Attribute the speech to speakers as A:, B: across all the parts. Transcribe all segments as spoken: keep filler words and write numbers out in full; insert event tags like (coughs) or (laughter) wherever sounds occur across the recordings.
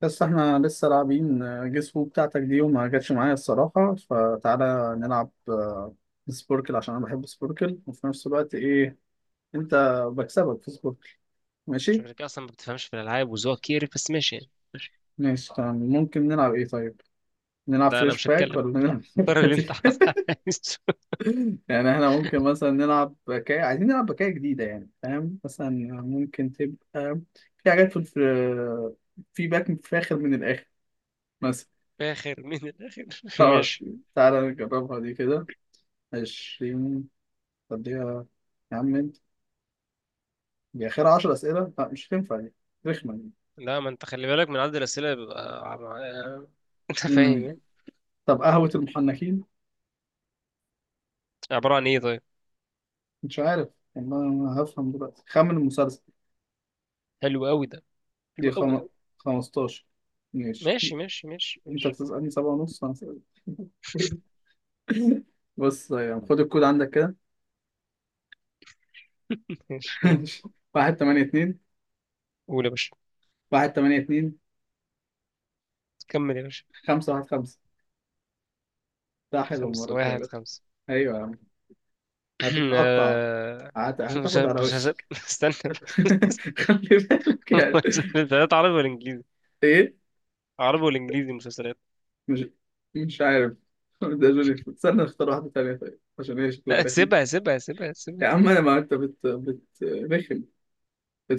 A: بس احنا لسه لاعبين جيس هو بتاعتك دي وما جاتش معايا الصراحة، فتعالى نلعب آه، سبوركل عشان انا بحب سبوركل، وفي نفس الوقت ايه انت بكسبك في سبوركل. ماشي؟
B: شكلك اصلا ما بتفهمش في الالعاب وذوقك كيري، بس ماشي يعني.
A: ماشي تمام. ممكن نلعب ايه طيب؟ نلعب
B: لا، انا
A: فريش
B: مش
A: باك
B: هتكلم.
A: ولا نلعب (laughs)
B: قرر اللي انت
A: دلوقتي؟
B: عايزه.
A: يعني احنا ممكن مثلا نلعب بكاية، عايزين نلعب بكاية جديدة يعني، فاهم؟ مثلا ممكن تبقى في حاجات في الف- في باك فاخر من الآخر مثلا.
B: (laughs) فاخر من الاخر.
A: اه
B: ماشي.
A: تعالى نجربها دي كده. عشرين تديها. يا عم انت دي اخر عشرة اسئله، لا مش هتنفع دي، رخمه دي.
B: لا، ما انت خلي بالك من عدد الاسئله، بيبقى عم- (laughs) انت فاهم
A: امم
B: يعني.
A: طب قهوه المحنكين؟
B: عباره عن ايه طيب؟
A: مش عارف والله، ما هفهم دلوقتي. خمن المسلسل.
B: حلو قوي ده. حلو
A: دي
B: قوي
A: خم...
B: قوي.
A: خمسة عشر. ماشي.
B: ماشي ماشي ماشي
A: انت
B: ماشي
A: بتسالني 7 ونص انا سألت. (laughs) بص يعني خد الكود عندك كده.
B: ماشي. مم.
A: (laughs) واحد تمانية اتنين.
B: قول يا باشا.
A: واحد تمانية اتنين.
B: كمل يا باشا.
A: خمسة واحد خمسة. ده حلو المرة
B: خمسة
A: دي يا
B: واحد
A: باشا.
B: خمسة.
A: أيوة يا عم.
B: (clears throat)
A: هتتقطع،
B: آه،
A: هت...
B: مش
A: هتاخد
B: ه-
A: على
B: مش هس-
A: وشك.
B: (laughs) استنى بس.
A: (laughs) خلي بالك
B: (laughs)
A: يعني.
B: مسلسلات عربي ولا انجليزي؟
A: إيه؟
B: عربي ولا انجليزي مسلسلات؟
A: مش مش عارف. (laughs) ده جونيفر، استنى نختار واحدة تانية طيب عشان هي شكلها
B: لا،
A: رخم.
B: سيبها سيبها سيبها
A: يا
B: سيبها.
A: عم أنا، ما أنت بت بت رخم.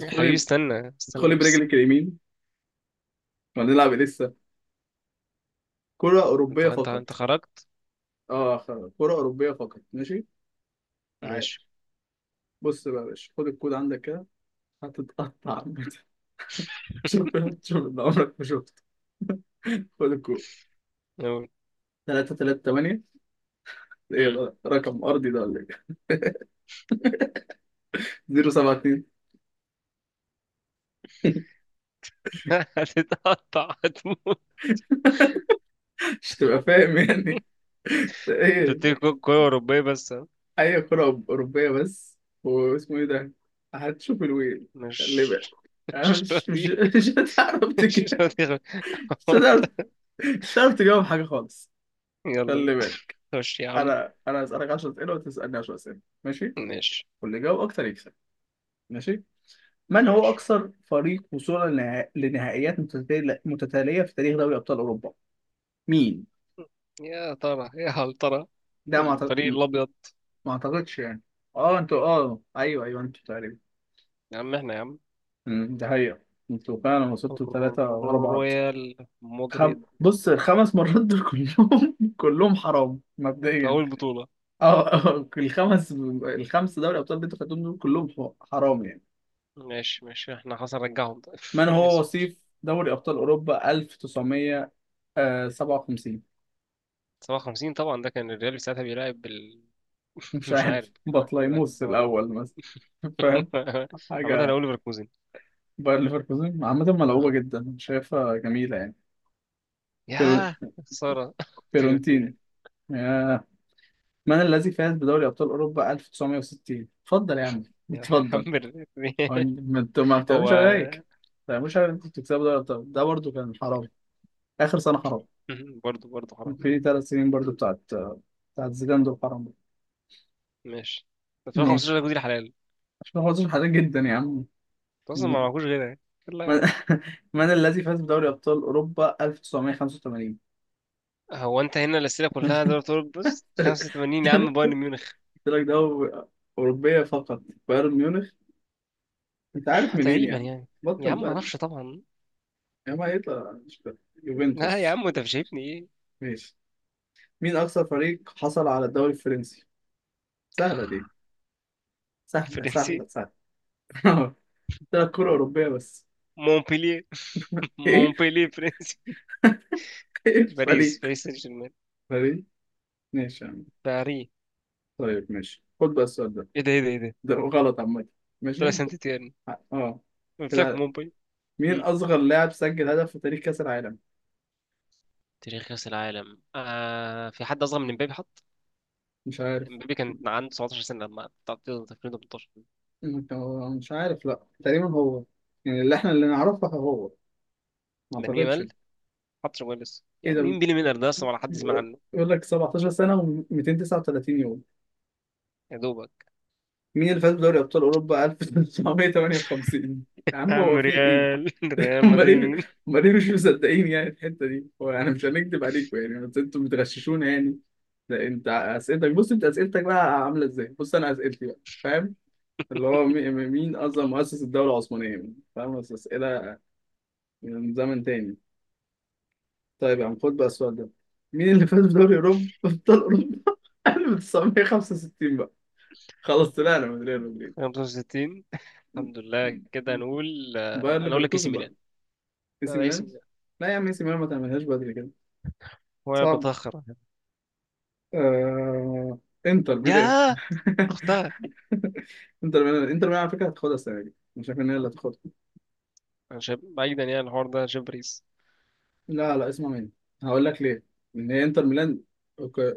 B: يا حبيبي استنى استنى
A: ادخلي
B: بس.
A: برجلك اليمين، وهنلعب لسه كرة أوروبية
B: انت انت
A: فقط.
B: انت خرجت.
A: اه خلاص، كرة أوروبية فقط، ماشي. تعال.
B: ماشي.
A: بص بقى يا باشا، خد الكود عندك كده، هتتقطع (laughs) عامة. شوف. شوف اللي عمرك ما شفته. (laughs) خد الكود.
B: نقول.
A: ثلاثة ثلاثة ثمانية. ايه
B: امم.
A: ده؟ رقم أرضي ده ولا ايه؟ (laughs) صفر سبعة اتنين.
B: (laughs) هتتقطع هتموت.
A: (laughs) مش تبقى فاهم يعني. (laughs)
B: انت
A: ايه؟
B: بتيجي كو- كورة أوروبية بس ها؟
A: اي كرة اوروبية بس. واسمه ايه ده؟ هتشوف الويل اللي
B: مش
A: بقى. انا
B: مش
A: مش مش
B: راضي.
A: مش هتعرف
B: مش
A: تجاوب.
B: راضي أخد-
A: مش هتعرف. مش هتعرف تجاوب حاجة خالص.
B: (laughs) يلا
A: خلي
B: بينا.
A: بالك.
B: خش يا عم.
A: انا انا هسألك عشرة اسئلة وتسألني عشرة اسئلة، ماشي.
B: ماشي
A: واللي يجاوب اكتر يكسب. ماشي. من هو
B: ماشي.
A: اكثر فريق وصولا لنها- لنهائيات متتالية متتالية في تاريخ دوري ابطال اوروبا؟ مين؟
B: يا ترى يا هل ترى.
A: ده ما
B: الفريق
A: أعتقد...
B: الأبيض.
A: ما اعتقدش يعني. اه انتوا، اه ايوه ايوه، انتوا تقريبا.
B: يا عم احنا يا عم.
A: أمم، ده هي، انتوا فعلا وصلتوا ثلاثة ورا بعض.
B: رويال
A: خم...
B: مدريد.
A: بص، الخمس مرات دول كلهم (laughs) كلهم حرام
B: في
A: مبدئيا.
B: أول بطولة.
A: اه، آه، الخمس الخمس دوري ابطال اللي انتوا خدتهم دول كلهم ح- حرام يعني.
B: ماشي ماشي، احنا خلاص نرجعهم. (laughs) طيب.
A: من
B: أنا
A: هو
B: آسف.
A: وصيف دوري ابطال اوروبا ألف وتسعمية وسبعة وخمسين؟
B: سبعة وخمسين؟ طبعا، ده كان الريال ساعتها بيلعب بال... (laughs)
A: مش
B: مش عارف
A: عارف،
B: كان عارف كان بيلعب
A: بطليموس
B: ب-
A: الاول مثلا. فاهم
B: (laughs) عامة انا
A: حاجه.
B: اقول ليفركوزن.
A: باير ليفركوزن عامه ملعوبه
B: آه.
A: جدا، أنا شايفها جميله يعني. فيرو-
B: يا خسارة. (laughs) فيورتينا.
A: فيرونتين. ياه. من الذي فاز بدوري ابطال اوروبا ألف وتسعمية وستين؟ اتفضل يا عم،
B: يا
A: اتفضل.
B: حمر.
A: هو إن- ما انتوا، ما
B: (laughs) هو.
A: بتعملوش عليك ما بتعملوش عليك، انتوا بتكسبوا دوري ابطال، ده برضه كان حرام. اخر سنه حرام.
B: (laughs) برضه برضه حرام.
A: في ثلاث سنين برضه بتاعت بتاعت زيدان دول حرام برضه.
B: ماشي. ألفين وخمستاشر ده
A: ماشي.
B: جديد الحلال.
A: عشان خاطر حاجات جدا يا عم.
B: انت اصلا ما
A: من,
B: معكوش غيرها يعني. يلا يا عم.
A: (laughs) من الذي فاز بدوري ابطال اوروبا ألف وتسعمية وخمسة وتمانين؟
B: هو انت هنا الاسئله كلها دوري
A: (laughs)
B: ابطال؟ بص،
A: قلت
B: خمسة وتمانين يا عم، بايرن ميونخ.
A: لك ده هو اوروبيه فقط. بايرن ميونخ. انت عارف
B: (laughs)
A: منين
B: تقريبا
A: يعني؟
B: يعني. يا
A: بطل
B: عم ما
A: بقى.
B: اعرفش طبعا.
A: يا ما يطلع مش فاهم.
B: لا يا
A: يوفنتوس.
B: عم، انت مش شايفني ايه؟
A: ماشي. مين اكثر فريق حصل على الدوري الفرنسي؟ سهله دي. سهله
B: فرنسي.
A: سهله سهله. (laughs) اه. طلعت كرة أوروبية بس.
B: مونبلييه. (laughs)
A: إيه؟
B: مونبلييه فرنسي.
A: إيه
B: باريس
A: الفريق؟
B: باريس سان جيرمان.
A: فريق؟ ماشي يا عم.
B: باري.
A: طيب ماشي، خد بقى السؤال ده.
B: ايه ده ايه ده ايه ده.
A: ده غلط عامة.
B: طلع
A: ماشي؟
B: سانت تيرن.
A: اه
B: قلت لك
A: كده.
B: مومباي.
A: مين
B: مم.
A: أصغر لاعب سجل هدف في تاريخ كأس العالم؟
B: تاريخ كأس العالم، آه في حد أصغر من امبابي حط؟
A: مش عارف.
B: امبابي كان عنده سبعة عشر سنة لما تعطيه ألفين وتمنتاشر.
A: أنت- مش عارف، لأ تقريبا هو. يعني اللي احنا اللي نعرفه هو. ما
B: لامين
A: أعتقدش.
B: يامال حط، شغال لسه يا
A: إيه
B: عم.
A: ده؟
B: مين بيلي ميلر ده أصلا؟ ولا حد سمع عنه؟
A: يقول لك 17 سنة و239 يوم.
B: يا دوبك.
A: مين اللي فاز بدوري أبطال أوروبا ألف وتسعمية وتمانية وخمسين؟ يا
B: يا
A: عم
B: عم
A: هو في إيه؟
B: ريال، (laughs) ريال
A: امال ايه؟
B: مدريد.
A: امال ايه، مش مصدقين يعني الحته دي. هو انا مش هنكدب عليكم يعني، بس انتوا بتغششونا يعني. ده انت اسئلتك، بص انت اسئلتك بقى عامله ازاي، بص انا اسئلتي بقى، فاهم؟ اللي هو مي- مين اصلا مؤسس الدوله العثمانيه يعني، فاهم، بس اسئله من زمن تاني. طيب يا عم، خد بقى السؤال ده. مين اللي فاز بدوري اوروبا ابطال اوروبا (laughs) ألف وتسعمية وخمسة وستين بقى؟ خلاص طلعنا من ريال مدريد.
B: خمسة وستين؟ الحمد لله كده نقول.
A: باير
B: آه، أنا أقول لك إي سي
A: ليفركوزن بقى.
B: ميلان.
A: اي
B: لا،
A: سي
B: ده إي سي
A: ميلان.
B: ميلان.
A: لا يا عم، اي سي ميلان ما تعملهاش بدري كده،
B: هو أنا
A: صعب.
B: بتأخر؟
A: آه... انتر ميلان.
B: يا أختها.
A: (laughs) انتر ميلان انتر ميلان على فكره هتاخدها السنه دي، انا شايف ان هي اللي هتاخدها.
B: أنا شايف بعيدا، يعني الحوار ده شايف باريس.
A: لا لا، اسمع مني، هقول لك ليه ان هي انتر ميلان. أوك-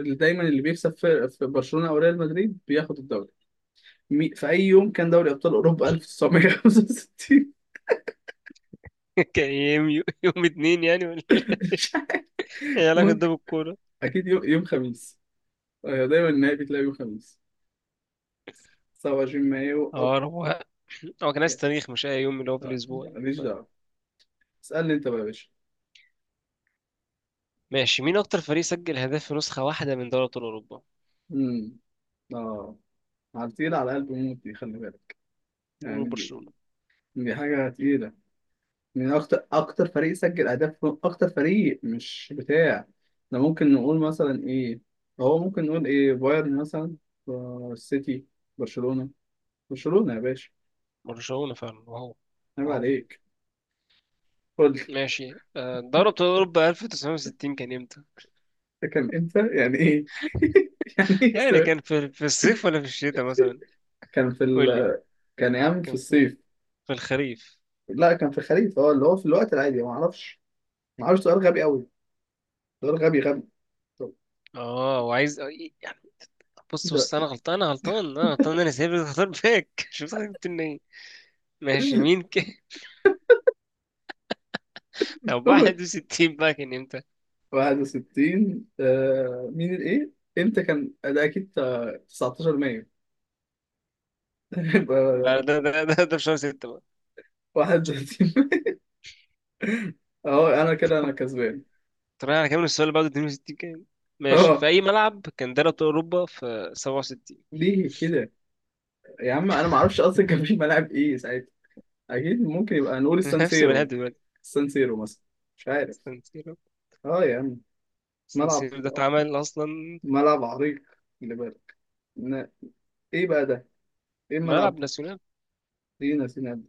A: اللي دايما اللي بيكسب في, في برشلونه او ريال مدريد بياخد الدوري. مي... في اي يوم كان دوري ابطال اوروبا ألف وتسعمية وخمسة وستين؟
B: كان يوم يوم اتنين يعني ولا؟ ايه
A: (laughs)
B: علاقة ده
A: ممكن.
B: بالكورة؟
A: اكيد يوم, يوم خميس. آه، دايما النهائي بتلاقي يوم خميس. تسعة وعشرين مايو اب.
B: اه روقان. هو كان عايز تاريخ، مش اي يوم اللي هو في
A: لا،
B: الاسبوع يعني.
A: ماليش
B: طيب.
A: دعوه. اسالني انت بقى يا باشا.
B: ماشي، مين اكتر فريق سجل هدف في نسخة واحدة من دوري ابطال اوروبا؟
A: امم اه، على تقيل على قلب موت دي، خلي بالك
B: قولوا
A: يعني.
B: برشلونة.
A: دي حاجة تقيلة. من أكتر أكتر فريق سجل أهداف، أكتر فريق، مش بتاع. ده ممكن نقول مثلا إيه؟ هو ممكن نقول إيه، بايرن مثلا؟ آه، السيتي؟ برشلونة. برشلونة يا باشا.
B: برشلونة فعلا. واو.
A: عيب
B: واو.
A: عليك. قول لي.
B: ماشي، آه،
A: ده
B: دوري ابطال اوروبا تسعطاشر ستين كان امتى؟
A: (laughs) كان إمتى يعني إيه؟ (laughs) يعني إيه
B: يعني
A: السؤال؟
B: كان في في الصيف ولا في الشتاء مثلا؟
A: كان في ال...
B: قول لي بقى.
A: كان يعمل في
B: كان في
A: الصيف.
B: في الخريف.
A: لا كان في الخريف، أه اللي هو في الوقت العادي ما أعرفش. ما أعرفش، سؤال غبي أوي. سؤال غبي غبي. طب،
B: اه، وعايز يعني. بص
A: ده
B: بص، انا غلطان انا غلطان انا غلطان، انا سايب اختار باك. (laughs) شفت انا جبت منين؟ ماشي. مين
A: (laughs)
B: ك... طب واحد وستين بقى كان امتى؟
A: واحد وستين. آه مين الايه امتى كان ده؟ اكيد آه، تسعتاشر مايو. (laughs)
B: ده
A: يبقى
B: ده ده ده, ده في شهر ستة بقى.
A: واحد وتلاتين مايو. اه. (laughs) انا كده انا كسبان.
B: طب انا هكمل السؤال اللي بعده، اتنين وستين كام؟ ماشي،
A: اه.
B: في اي ملعب كان دوري ابطال اوروبا في سبعة وستين؟
A: ليه كده؟ يا عم انا ما اعرفش اصلا كان في ملاعب ايه ساعتها. اكيد ممكن يبقى نقول
B: (laughs) نفس الملعب
A: السانسيرو.
B: دلوقتي.
A: السانسيرو مثلا. مش عارف.
B: سان سيرو.
A: اه يا عم،
B: سان
A: ملعب.
B: سيرو ده اتعمل اصلا؟
A: ملعب عريق. اللي بالك. ن- ايه بقى ده؟ ايه
B: ملعب
A: الملعب؟
B: ناسيونال.
A: دي ناسينا ده؟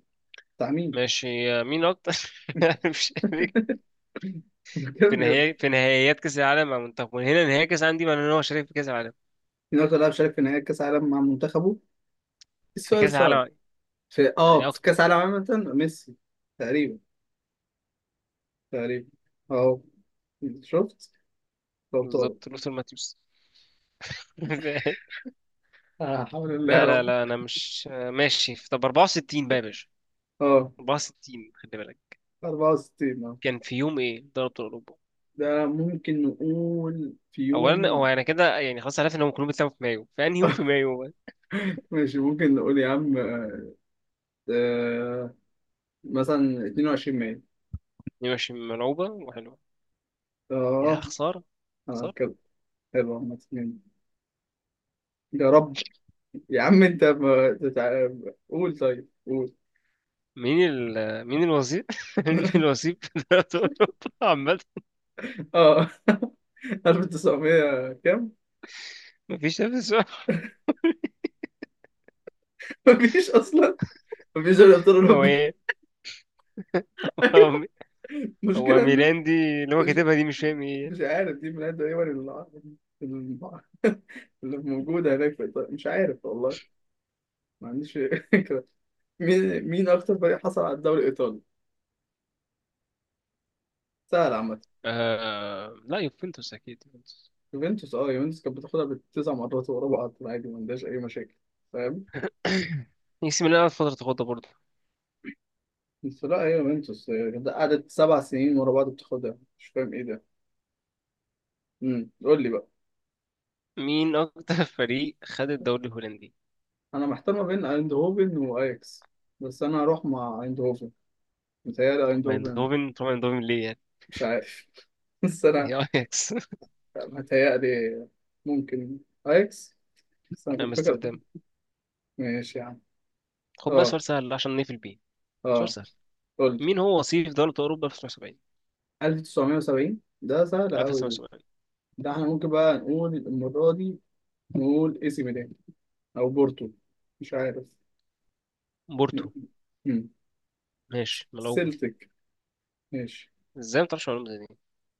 A: بتاع مين؟
B: ماشي. مين اكتر. (laughs) مش عارف.
A: (laughs) بجد
B: في
A: بجد.
B: نهاية في نهائيات كاس العالم مع منتخب من هنا. نهائي كاس العالم دي معناه ان هو شارك في كاس العالم.
A: مين اكتر لاعب شارك في نهائي كاس العالم مع منتخبه؟ إيه
B: في
A: السؤال
B: كاس
A: الصعب؟
B: العالم.
A: في اه
B: يعني
A: في
B: اكتر.
A: كأس العالم عامة ميسي تقريبا. تقريبا. اه. شفت. لو طارق.
B: بالظبط، لوثر ماتيوس. (laughs)
A: آه حول الله يا
B: لا لا
A: رب.
B: لا، انا مش ماشي. طب أربعة وستين بقى يا باشا.
A: اه.
B: أربعة وستين خلي بالك.
A: اربعة وستين. اه.
B: كان في يوم ايه دوري ابطال اوروبا؟
A: ده ممكن نقول في
B: اولا هو
A: يوم.
B: انا كده يعني خلاص عرفت انهم كلهم بيتلعبوا في مايو. في انهي يوم في
A: (laughs)
B: مايو بقى؟
A: ماشي، ممكن نقول يا عم، آه، مثلا اتنين وعشرين مايو.
B: دي ماشي، ملعوبه وحلوه. يا
A: اه.
B: خساره.
A: اه
B: خساره.
A: كده. حلو عامة يعني. يا رب. يا عم انت ما تتع... قول، طيب قول.
B: مين ال مين الوظيف. (laughs) مين
A: (laughs)
B: الوظيف في دوري ابطال اوروبا عامه؟
A: اه، ألف وتسعمية كام؟
B: مفيش نفس.
A: (laughs) مفيش اصلا. مفيش دوري ابطال
B: هو
A: اوروبا.
B: ايه؟ هو هو
A: مشكلة إن-
B: ميلان دي اللي هو
A: مش
B: كاتبها دي، مش فاهم ايه يعني.
A: مش عارف. دي من تقريبا اللي، اللي موجودة هناك في إيطاليا، مش عارف والله. ما عنديش (laughs) فكرة. مين مين أكتر فريق حصل على الدوري الإيطالي؟ سهل عامة.
B: آه... لا، يوفنتوس اكيد يوفنتوس.
A: يوفنتوس، أه يوفنتوس كانت بتاخدها بالتسع مرات ورا بعض عادي، ما عندهاش أي مشاكل. فاهم؟
B: (clears throat) (coughs) اي سي ميلان قعدت فترة تاخدها برضه.
A: بس لا، هي يوفنتوس هي كانت قعدت سبع سنين ورا بعض بتاخدها، مش فاهم إيه ده. امم قول لي بقى.
B: مين أكتر (laughs) فريق خد الدوري الهولندي؟
A: أنا محتار ما بين أيندهوفن وأياكس. بس أنا هروح مع أيندهوفن. متهيألي
B: طبعا
A: أيندهوفن.
B: اندوفن طبعا اندوفن، ليه يعني؟
A: مش عارف. (laughs) بس أنا
B: هي اياكس.
A: متهيألي ممكن أياكس. بس أنا
B: (laughs)
A: كنت فاكر.
B: امستردام.
A: ماشي يا عم.
B: خد بقى
A: أه.
B: سؤال سهل عشان نقفل بيه. سؤال
A: أه.
B: سهل.
A: قول لي.
B: مين هو وصيف دولة أوروبا في ألف وتسعمية وسبعين،
A: ألف وتسعمية وسبعين ده سهل
B: أو في
A: أوي دي.
B: ألف وتسعمية وسبعين؟
A: ده إحنا ممكن بقى نقول المرة دي، نقول إي سي ميلان أو بورتو. مش عارف.
B: بورتو.
A: مم.
B: ماشي ملعوبة.
A: سيلتك. ماشي.
B: ازاي ما تعرفش معلومة زي دي؟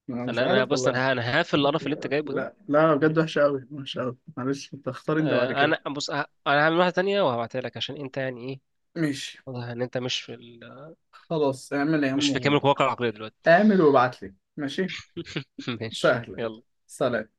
A: أنا مش
B: انا انا
A: عارف
B: بص،
A: والله.
B: انا ه- انا هقفل القرف اللي انت جايبه ده.
A: لا لا بجد،
B: ماشي.
A: وحشة أوي، وحشة أوي، معلش. أنت اختار أنت بعد
B: آه،
A: كده.
B: انا بص ه- انا هعمل واحدة تانية وهبعتها لك، عشان انت يعني ايه.
A: ماشي.
B: واضح ان انت مش في ال...
A: خلاص اعمل يا عم
B: مش في كامل
A: وضع.
B: قواك العقلية دلوقتي.
A: اعمل وابعت لي. ماشي.
B: (laughs) ماشي
A: سهل.
B: يلا.
A: سلام.